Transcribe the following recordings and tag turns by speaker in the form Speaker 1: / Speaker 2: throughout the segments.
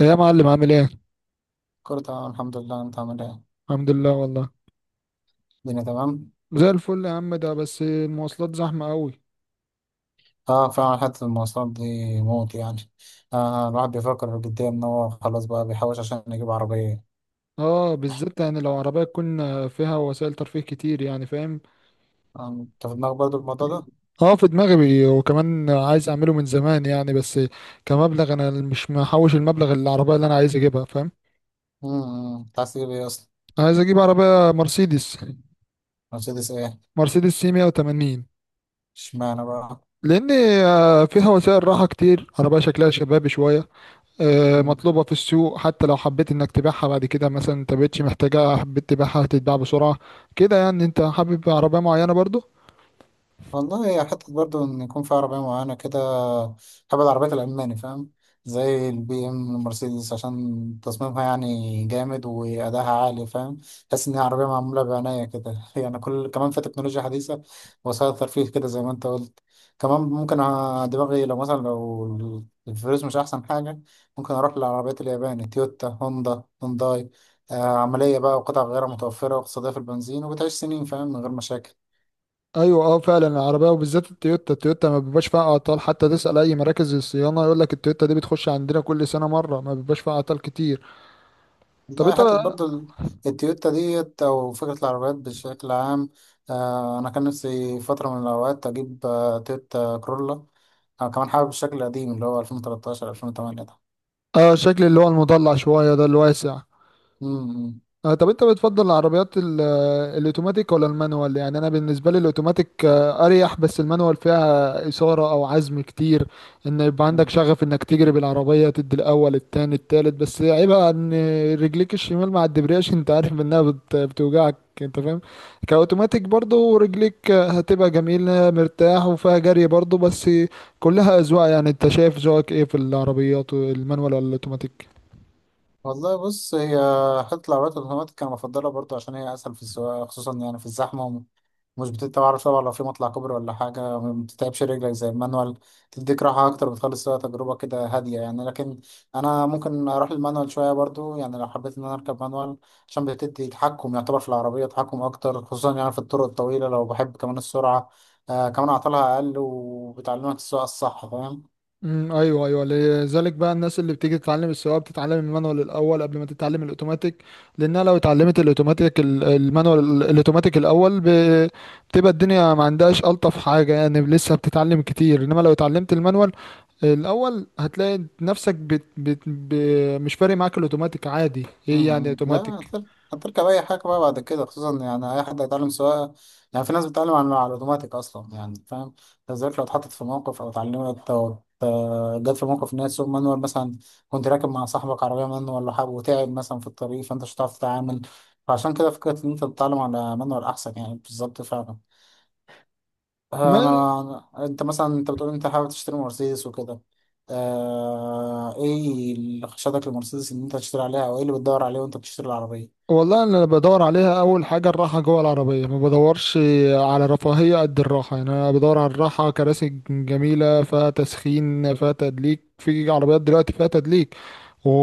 Speaker 1: إيه يا معلم، عامل ايه؟
Speaker 2: كله تمام الحمد لله. انت عامل ايه؟
Speaker 1: الحمد لله والله.
Speaker 2: الدنيا تمام.
Speaker 1: زي الفل يا عم، ده بس المواصلات زحمة قوي.
Speaker 2: اه فعلا حتة المواصلات دي موت يعني. الواحد بيفكر جديا ان هو خلاص بقى بيحوش عشان يجيب عربية.
Speaker 1: اه، بالذات يعني لو عربية تكون فيها وسائل ترفيه كتير، يعني فاهم؟
Speaker 2: انت في دماغك برضه الموضوع ده؟
Speaker 1: اه، في دماغي، وكمان عايز اعمله من زمان يعني بس. كمبلغ، انا مش محوش المبلغ اللي العربية اللي انا عايز اجيبها، فاهم؟
Speaker 2: انت عايز تجيب ايه اصلا؟
Speaker 1: عايز اجيب عربية مرسيدس.
Speaker 2: مرسيدس ايه؟
Speaker 1: مرسيدس سي 180.
Speaker 2: اشمعنى بقى؟
Speaker 1: لان فيها وسائل راحة كتير، عربية شكلها شبابي شوية. مطلوبة في السوق، حتى لو حبيت انك تبيعها بعد كده مثلا انت مبقتش محتاجها حبيت تبيعها هتتباع بسرعة. كده يعني، انت حابب عربية معينة برضو؟
Speaker 2: والله هي حتة برضو إن يكون في عربية معينة كده. بحب العربيات الألماني، فاهم؟ زي البي إم المرسيدس، عشان تصميمها يعني جامد وأداها عالي، فاهم؟ تحس إن هي عربية معمولة بعناية كده يعني، كل كمان في تكنولوجيا حديثة، وسائل ترفيه كده زي ما أنت قلت. كمان ممكن دماغي، لو مثلا لو الفلوس مش أحسن حاجة، ممكن أروح للعربيات الياباني: تويوتا، هوندا، هونداي. عملية بقى، وقطع غير متوفرة، واقتصادية في البنزين، وبتعيش سنين فاهم من غير مشاكل.
Speaker 1: ايوه، اه فعلا، العربية وبالذات التويوتا ما بيبقاش فيها اعطال، حتى تسأل اي مراكز الصيانة يقول لك التويوتا دي بتخش عندنا كل سنة مرة، ما بيبقاش فيها اعطال كتير. طب
Speaker 2: والله
Speaker 1: انت.
Speaker 2: حتة برضه التويوتا ديت أو فكرة العربيات بشكل عام. أنا كان نفسي فترة من الأوقات أجيب تويوتا كرولا. أنا كمان حابب الشكل القديم اللي هو 2013 2008 ده.
Speaker 1: اه، شكل اللي هو المضلع شوية ده الواسع.
Speaker 2: مم،
Speaker 1: طب انت بتفضل العربيات الاوتوماتيك ولا المانوال؟ يعني انا بالنسبه لي الاوتوماتيك اريح، بس المانوال فيها اثاره او عزم كتير، ان يبقى عندك
Speaker 2: مم.
Speaker 1: شغف انك تجري بالعربيه تدي الاول التاني التالت، بس عيبها ان رجليك الشمال مع الدبرياج، انت عارف انها بتوجعك، انت فاهم؟ كاوتوماتيك برضو رجليك هتبقى جميله مرتاح وفيها جري برضو، بس كلها اذواق، يعني انت شايف ذوقك ايه في العربيات، المانوال ولا الاوتوماتيك؟
Speaker 2: والله بص، هي حتة العربيات الأوتوماتيك أنا بفضلها برضه، عشان هي أسهل في السواقة خصوصا يعني في الزحمة. مش بتبقى عارف طبعا لو في مطلع كوبري ولا حاجة ما بتتعبش رجلك زي المانوال. تديك راحة أكتر، بتخلص فيها تجربة كده هادية يعني. لكن أنا ممكن أروح المانوال شوية برضو، يعني لو حبيت إن أنا أركب مانوال عشان بتدي تحكم، يعتبر في العربية تحكم أكتر خصوصا يعني في الطرق الطويلة، لو بحب كمان السرعة. كمان أعطالها أقل وبتعلمك السواقة الصح، فاهم؟
Speaker 1: ايوه، ايوه، لذلك بقى الناس اللي بتيجي تتعلم السواقه بتتعلم المانوال الاول قبل ما تتعلم الاوتوماتيك. لانها لو اتعلمت الاوتوماتيك المانوال الاوتوماتيك الاول بتبقى الدنيا ما عندهاش الطف حاجه، يعني لسه بتتعلم كتير، انما لو اتعلمت المانوال الاول هتلاقي نفسك مش فارق معاك الاوتوماتيك عادي، ايه يعني
Speaker 2: مم. لا
Speaker 1: اوتوماتيك.
Speaker 2: هتر- هتركب اي حاجه بقى بعد كده، خصوصا يعني اي حد هيتعلم سواقه. يعني في ناس بتتعلم على الاوتوماتيك اصلا يعني، فاهم؟ بالذات لو اتحطت في موقف، او اتعلمت، او ت- جت في موقف ان هي تسوق مانوال مثلا. كنت راكب مع صاحبك عربيه مانوال ولا حاجه، وتعب مثلا في الطريق، فانت مش هتعرف تتعامل. فعشان كده فكره ان انت تتعلم على مانوال احسن يعني، بالظبط فعلا. انا، انت مثلا انت بتقول انت حابب تشتري مرسيدس وكده. ايه اللي خشتك لمرسيدس ان انت تشتري عليها، او ايه اللي بتدور عليه وانت بتشتري العربيه؟
Speaker 1: والله، انا بدور عليها اول حاجه الراحه جوه العربيه، ما بدورش على رفاهيه قد الراحه، يعني انا بدور على الراحه، كراسي جميله فيها تسخين، فيها تدليك، في عربيات دلوقتي فيها تدليك،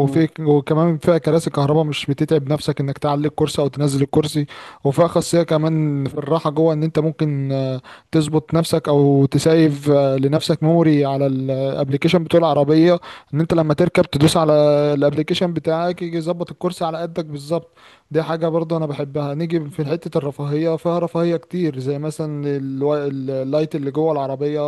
Speaker 2: مم.
Speaker 1: وكمان فيها كراسي كهرباء، مش بتتعب نفسك انك تعلي الكرسي او تنزل الكرسي. وفيها خاصية كمان في الراحة جوه، ان انت ممكن تظبط نفسك او تسيف لنفسك ميموري على الابليكيشن بتاع العربية، ان انت لما تركب تدوس على الابليكيشن بتاعك يجي يظبط الكرسي على قدك بالظبط. دي حاجة برضه انا بحبها، نيجي في حتة الرفاهية، فيها رفاهية كتير زي مثلا اللايت اللي جوه العربية،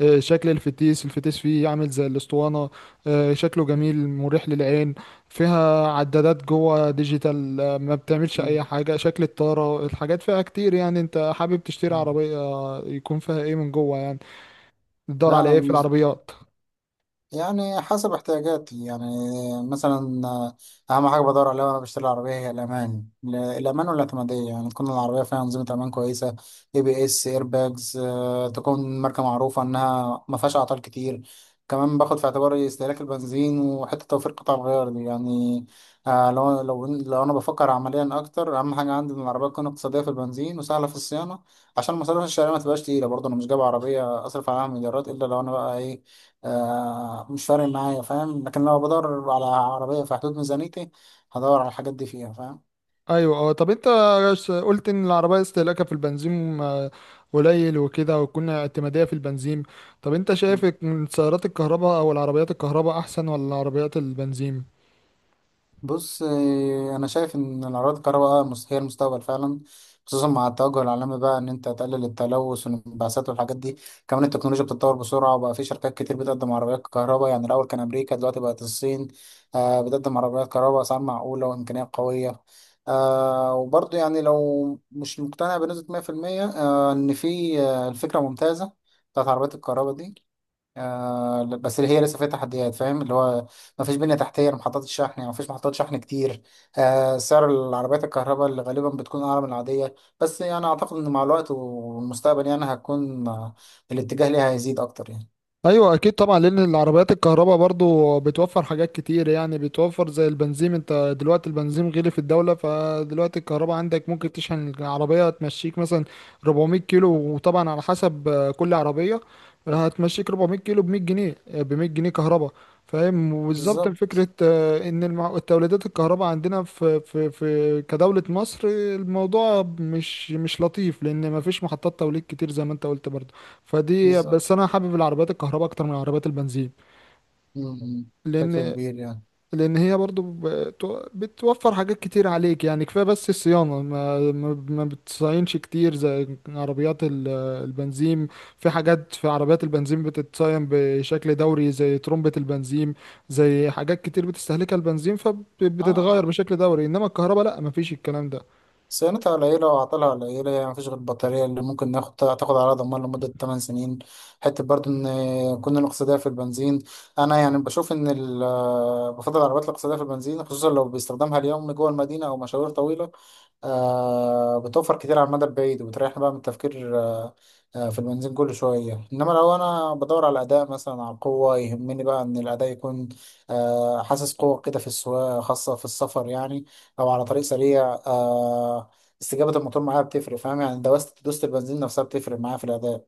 Speaker 1: شكل الفتيس فيه عامل زي الاسطوانة، شكله جميل مريح للعين، فيها عدادات جوه ديجيتال، ما بتعملش
Speaker 2: مم.
Speaker 1: اي حاجة شكل الطارة، الحاجات فيها كتير، يعني انت حابب تشتري
Speaker 2: آه.
Speaker 1: عربية يكون فيها ايه من جوه يعني، تدور
Speaker 2: لا
Speaker 1: على
Speaker 2: انا
Speaker 1: ايه في
Speaker 2: بالنسبه
Speaker 1: العربيات؟
Speaker 2: يعني حسب احتياجاتي يعني. مثلا اهم حاجه بدور عليها وانا بشتري العربيه هي الامان، الامان والاعتماديه، يعني تكون العربيه فيها انظمه امان كويسه: اي بي اس، اير باجز، تكون ماركه معروفه انها ما فيهاش اعطال كتير. كمان باخد في اعتباري استهلاك البنزين وحته توفير قطع الغيار دي يعني. آه، لو انا بفكر عمليا اكتر، اهم حاجه عندي ان العربيه تكون اقتصاديه في البنزين وسهله في الصيانه، عشان مصاريف الشارع ما تبقاش تقيله. برضه انا مش جايب عربيه اصرف عليها مليارات، الا لو انا بقى ايه، مش فارق معايا فاهم. لكن لو بدور على عربية في حدود ميزانيتي هدور على الحاجات دي فيها، فاهم؟
Speaker 1: ايوه، اه، طب انت قلت ان العربية استهلاكها في البنزين قليل وكده، وتكون اعتمادية في البنزين. طب انت شايف إن سيارات الكهرباء او العربيات الكهرباء احسن ولا عربيات البنزين؟
Speaker 2: بص انا شايف ان الاراضي الكهرباء هي المستقبل فعلا، خصوصا مع التوجه العالمي بقى ان انت تقلل التلوث والانبعاثات والحاجات دي. كمان التكنولوجيا بتتطور بسرعه، وبقى في شركات كتير بتقدم عربيات كهرباء. يعني الاول كان امريكا، دلوقتي بقت الصين بتقدم عربيات كهرباء اسعار معقوله وامكانيات قويه. وبرضه يعني لو مش مقتنع بنسبه 100%، ان في الفكره ممتازه بتاعت عربيات الكهرباء دي، بس هي لسه فيها تحديات فاهم، اللي هو ما فيش بنية تحتية لمحطات الشحن، يعني ما فيش محطات شحن كتير. سعر العربيات الكهرباء اللي غالبا بتكون أعلى من العادية، بس يعني أعتقد إن مع الوقت والمستقبل يعني هتكون الاتجاه ليها هيزيد أكتر يعني.
Speaker 1: ايوه، اكيد طبعا، لان العربيات الكهرباء برضو بتوفر حاجات كتير، يعني بتوفر زي البنزين، انت دلوقتي البنزين غلي في الدوله، فدلوقتي الكهرباء عندك ممكن تشحن العربيه تمشيك مثلا 400 كيلو، وطبعا على حسب كل عربيه، هتمشيك 400 كيلو ب 100 جنيه كهرباء، فاهم، وبالظبط فكره
Speaker 2: بالظبط،
Speaker 1: ان التوليدات الكهرباء عندنا في كدوله مصر، الموضوع مش لطيف، لان مفيش محطات توليد كتير زي ما انت قلت برضو. فدي، بس
Speaker 2: بالظبط.
Speaker 1: انا حابب العربيات الكهرباء اكتر من العربيات البنزين.
Speaker 2: م- م. بشكل
Speaker 1: لان
Speaker 2: كبير يعني.
Speaker 1: لان هي برضو بتوفر حاجات كتير عليك، يعني كفايه بس الصيانه ما بتصينش كتير زي عربيات البنزين. في حاجات في عربيات البنزين بتتصين بشكل دوري، زي ترمبة البنزين، زي حاجات كتير بتستهلكها البنزين،
Speaker 2: اه،
Speaker 1: فبتتغير بشكل دوري، انما الكهرباء لا، ما فيش الكلام ده.
Speaker 2: صيانتها قليلة وعطلها قليلة، يعني مفيش غير البطارية اللي ممكن تاخد على ضمان لمدة 8 سنين. حتة برضو إن كنا نقصدها في البنزين، أنا يعني بشوف إن بفضل العربيات الاقتصادية في البنزين، خصوصا لو باستخدامها اليومي جوه المدينة أو مشاوير طويلة. بتوفر كتير على المدى البعيد، وبتريحنا بقى من التفكير في البنزين كل شوية. إنما لو أنا بدور على الأداء، مثلا على القوة يهمني بقى إن الأداء يكون حاسس قوة كده في السواقة، خاصة في السفر يعني، أو على طريق سريع. استجابة الموتور معايا بتفرق، فاهم؟ يعني دوست البنزين نفسها بتفرق معايا في الأداء.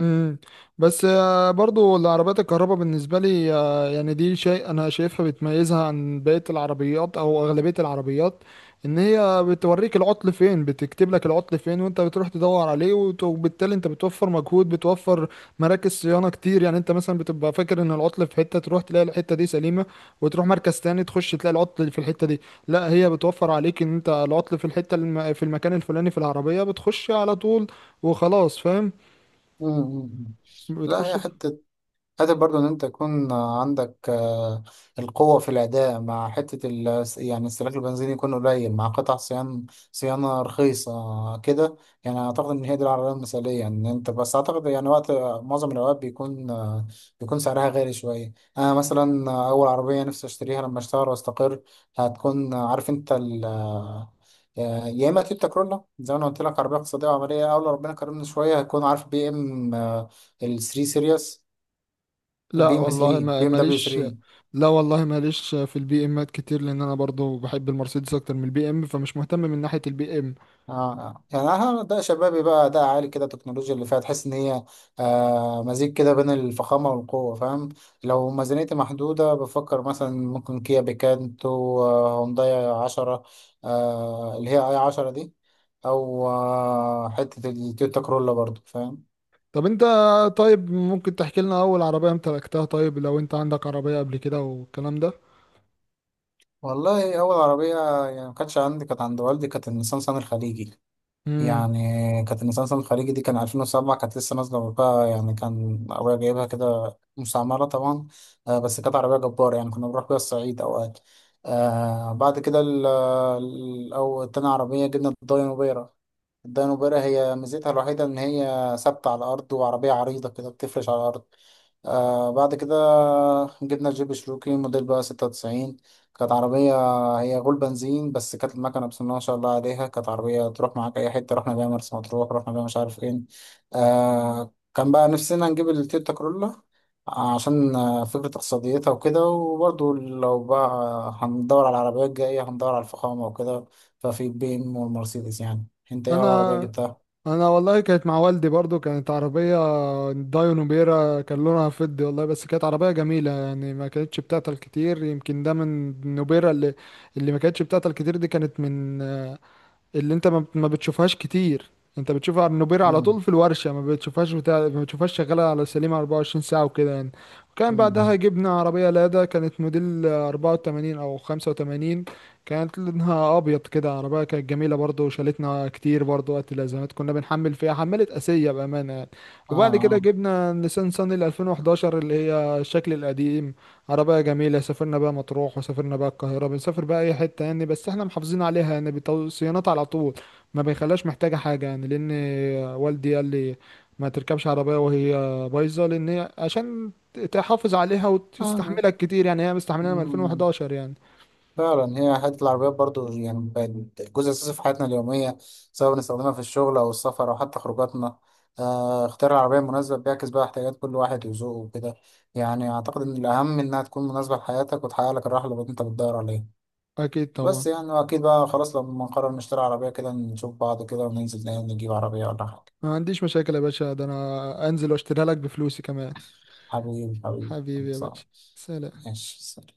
Speaker 1: امم بس برضو العربيات الكهرباء بالنسبه لي، يعني دي شيء انا شايفها بتميزها عن بقيه العربيات او اغلبيه العربيات، ان هي بتوريك العطل فين، بتكتب لك العطل فين وانت بتروح تدور عليه وبالتالي انت بتوفر مجهود، بتوفر مراكز صيانه كتير، يعني انت مثلا بتبقى فاكر ان العطل في حته، تروح تلاقي الحته دي سليمه، وتروح مركز تاني تخش تلاقي العطل في الحته دي. لا، هي بتوفر عليك ان انت العطل في الحته في المكان الفلاني في العربيه، بتخش على طول، وخلاص فاهم.
Speaker 2: مم، مم، مم. لا
Speaker 1: بتخش.
Speaker 2: هي حتة قادر برضو ان انت يكون عندك القوة في الأداء مع حتة ال يعني استهلاك البنزين يكون قليل، مع قطع صيانة، صيانة رخيصة كده. يعني أعتقد إن هي دي العربية المثالية، إن أنت بس أعتقد يعني، وقت معظم الأوقات بيكون بيكون سعرها غالي شوية. أنا مثلا أول عربية نفسي أشتريها لما أشتغل وأستقر هتكون، عارف أنت، ال آه، يا إما تويوتا كرولا زي ما أنا قلت لك، عربية اقتصادية وعملية، أو لو ربنا كرمني شوية هتكون عارف بي إم، ال 3 سيريس. بي
Speaker 1: لا
Speaker 2: ام
Speaker 1: والله
Speaker 2: 3،
Speaker 1: ما
Speaker 2: بي ام دبليو
Speaker 1: ماليش
Speaker 2: 3.
Speaker 1: لا والله ماليش في البي امات كتير، لان انا برضو بحب المرسيدس اكتر من البي ام، فمش مهتم من ناحية البي ام.
Speaker 2: يعني اه ده شبابي بقى، ده عالي كده التكنولوجيا اللي فيها، تحس ان هي مزيج كده بين الفخامه والقوه، فاهم؟ لو ميزانيتي محدوده بفكر مثلا ممكن كيا بيكانتو، هونداي 10، اللي هي اي 10 دي، او حته التويوتا كرولا برضو، فاهم؟
Speaker 1: طب انت، طيب ممكن تحكي لنا اول عربية امتلكتها، طيب لو انت عندك عربية قبل كده والكلام ده؟
Speaker 2: والله اول عربيه يعني ما كانتش عندي، كانت عند والدي، كانت النيسان صني الخليجي
Speaker 1: امم
Speaker 2: يعني. كانت المسلسل الخليجي دي كان 2007، كانت لسه نازلة بقى، يعني كان أبويا جايبها كده مستعمرة طبعا. بس كانت عربية جبارة، يعني كنا بنروح بيها الصعيد أوقات. بعد كده أو تاني عربية جبنا الداينو بيرة، الدانوبرا. هي ميزتها الوحيدة إن هي ثابتة على الأرض، وعربية عريضة كده بتفرش على الأرض. بعد كده جبنا الجيب شروكي موديل بقى 96. كانت عربية هي غول بنزين، بس كانت المكنة بسم الله ما شاء الله عليها، كانت عربية تروح معاك أي حتة. رحنا بيها مرسى مطروح، رحنا بيها مش عارف فين. كان بقى نفسنا نجيب التويوتا كرولا عشان فكرة اقتصاديتها وكده. وبرضه لو بقى هندور على العربيات الجاية هندور على الفخامة وكده، ففي البي ام والمرسيدس يعني. انت ايه اول عربية
Speaker 1: انا
Speaker 2: جبتها؟
Speaker 1: انا والله كانت مع والدي برضو، كانت عربية دايو نوبيرا، كان لونها فضي والله، بس كانت عربية جميلة يعني ما كانتش بتعطل كتير، يمكن ده من نوبيرا اللي ما كانتش بتعطل كتير، دي كانت من اللي انت ما بتشوفهاش كتير، انت بتشوفها على النوبير على
Speaker 2: مم.
Speaker 1: طول في الورشة، ما بتشوفهاش بتاع، ما بتشوفهاش شغالة على سليمة 24 ساعة وكده يعني. وكان بعدها
Speaker 2: مم.
Speaker 1: جبنا عربية لادا كانت موديل 84 او 85، كانت لونها ابيض كده، عربية كانت جميلة برضه، وشالتنا كتير برضه وقت الازمات، كنا بنحمل فيها حملت اسية بأمانة يعني.
Speaker 2: اه
Speaker 1: وبعد كده
Speaker 2: اه
Speaker 1: جبنا نيسان صني ال 2011 اللي هي الشكل القديم، عربية جميلة، سافرنا بقى مطروح وسافرنا بقى القاهرة، بنسافر بقى أي حتة يعني، بس احنا محافظين عليها، يعني صيانات على طول، ما بيخلاش محتاجة حاجة يعني، لأن والدي قال لي ما تركبش عربية وهي بايظة، لأن هي عشان تحافظ عليها
Speaker 2: آه. آه.
Speaker 1: وتستحملك كتير، يعني هي مستحملها من
Speaker 2: مم.
Speaker 1: 2011 يعني.
Speaker 2: فعلا هي حتة العربيات برضو يعني بقت جزء أساسي في حياتنا اليومية، سواء بنستخدمها في الشغل أو السفر أو حتى خروجاتنا. اختيار العربية المناسبة بيعكس بقى احتياجات كل واحد وذوقه وكده. يعني أعتقد إن الأهم إنها تكون مناسبة لحياتك وتحقق لك الراحة اللي أنت بتدور عليها.
Speaker 1: أكيد طبعا.
Speaker 2: بس يعني، وأكيد بقى خلاص لما نقرر نشتري عربية كده نشوف بعض كده وننزل نجيب عربية ولا حاجة.
Speaker 1: ما عنديش مشاكل يا باشا، ده أنا أنزل وأشتريها لك بفلوسي كمان.
Speaker 2: حبيبي حبيبي
Speaker 1: حبيبي يا
Speaker 2: خلاص.
Speaker 1: باشا. سلام.
Speaker 2: ماشي.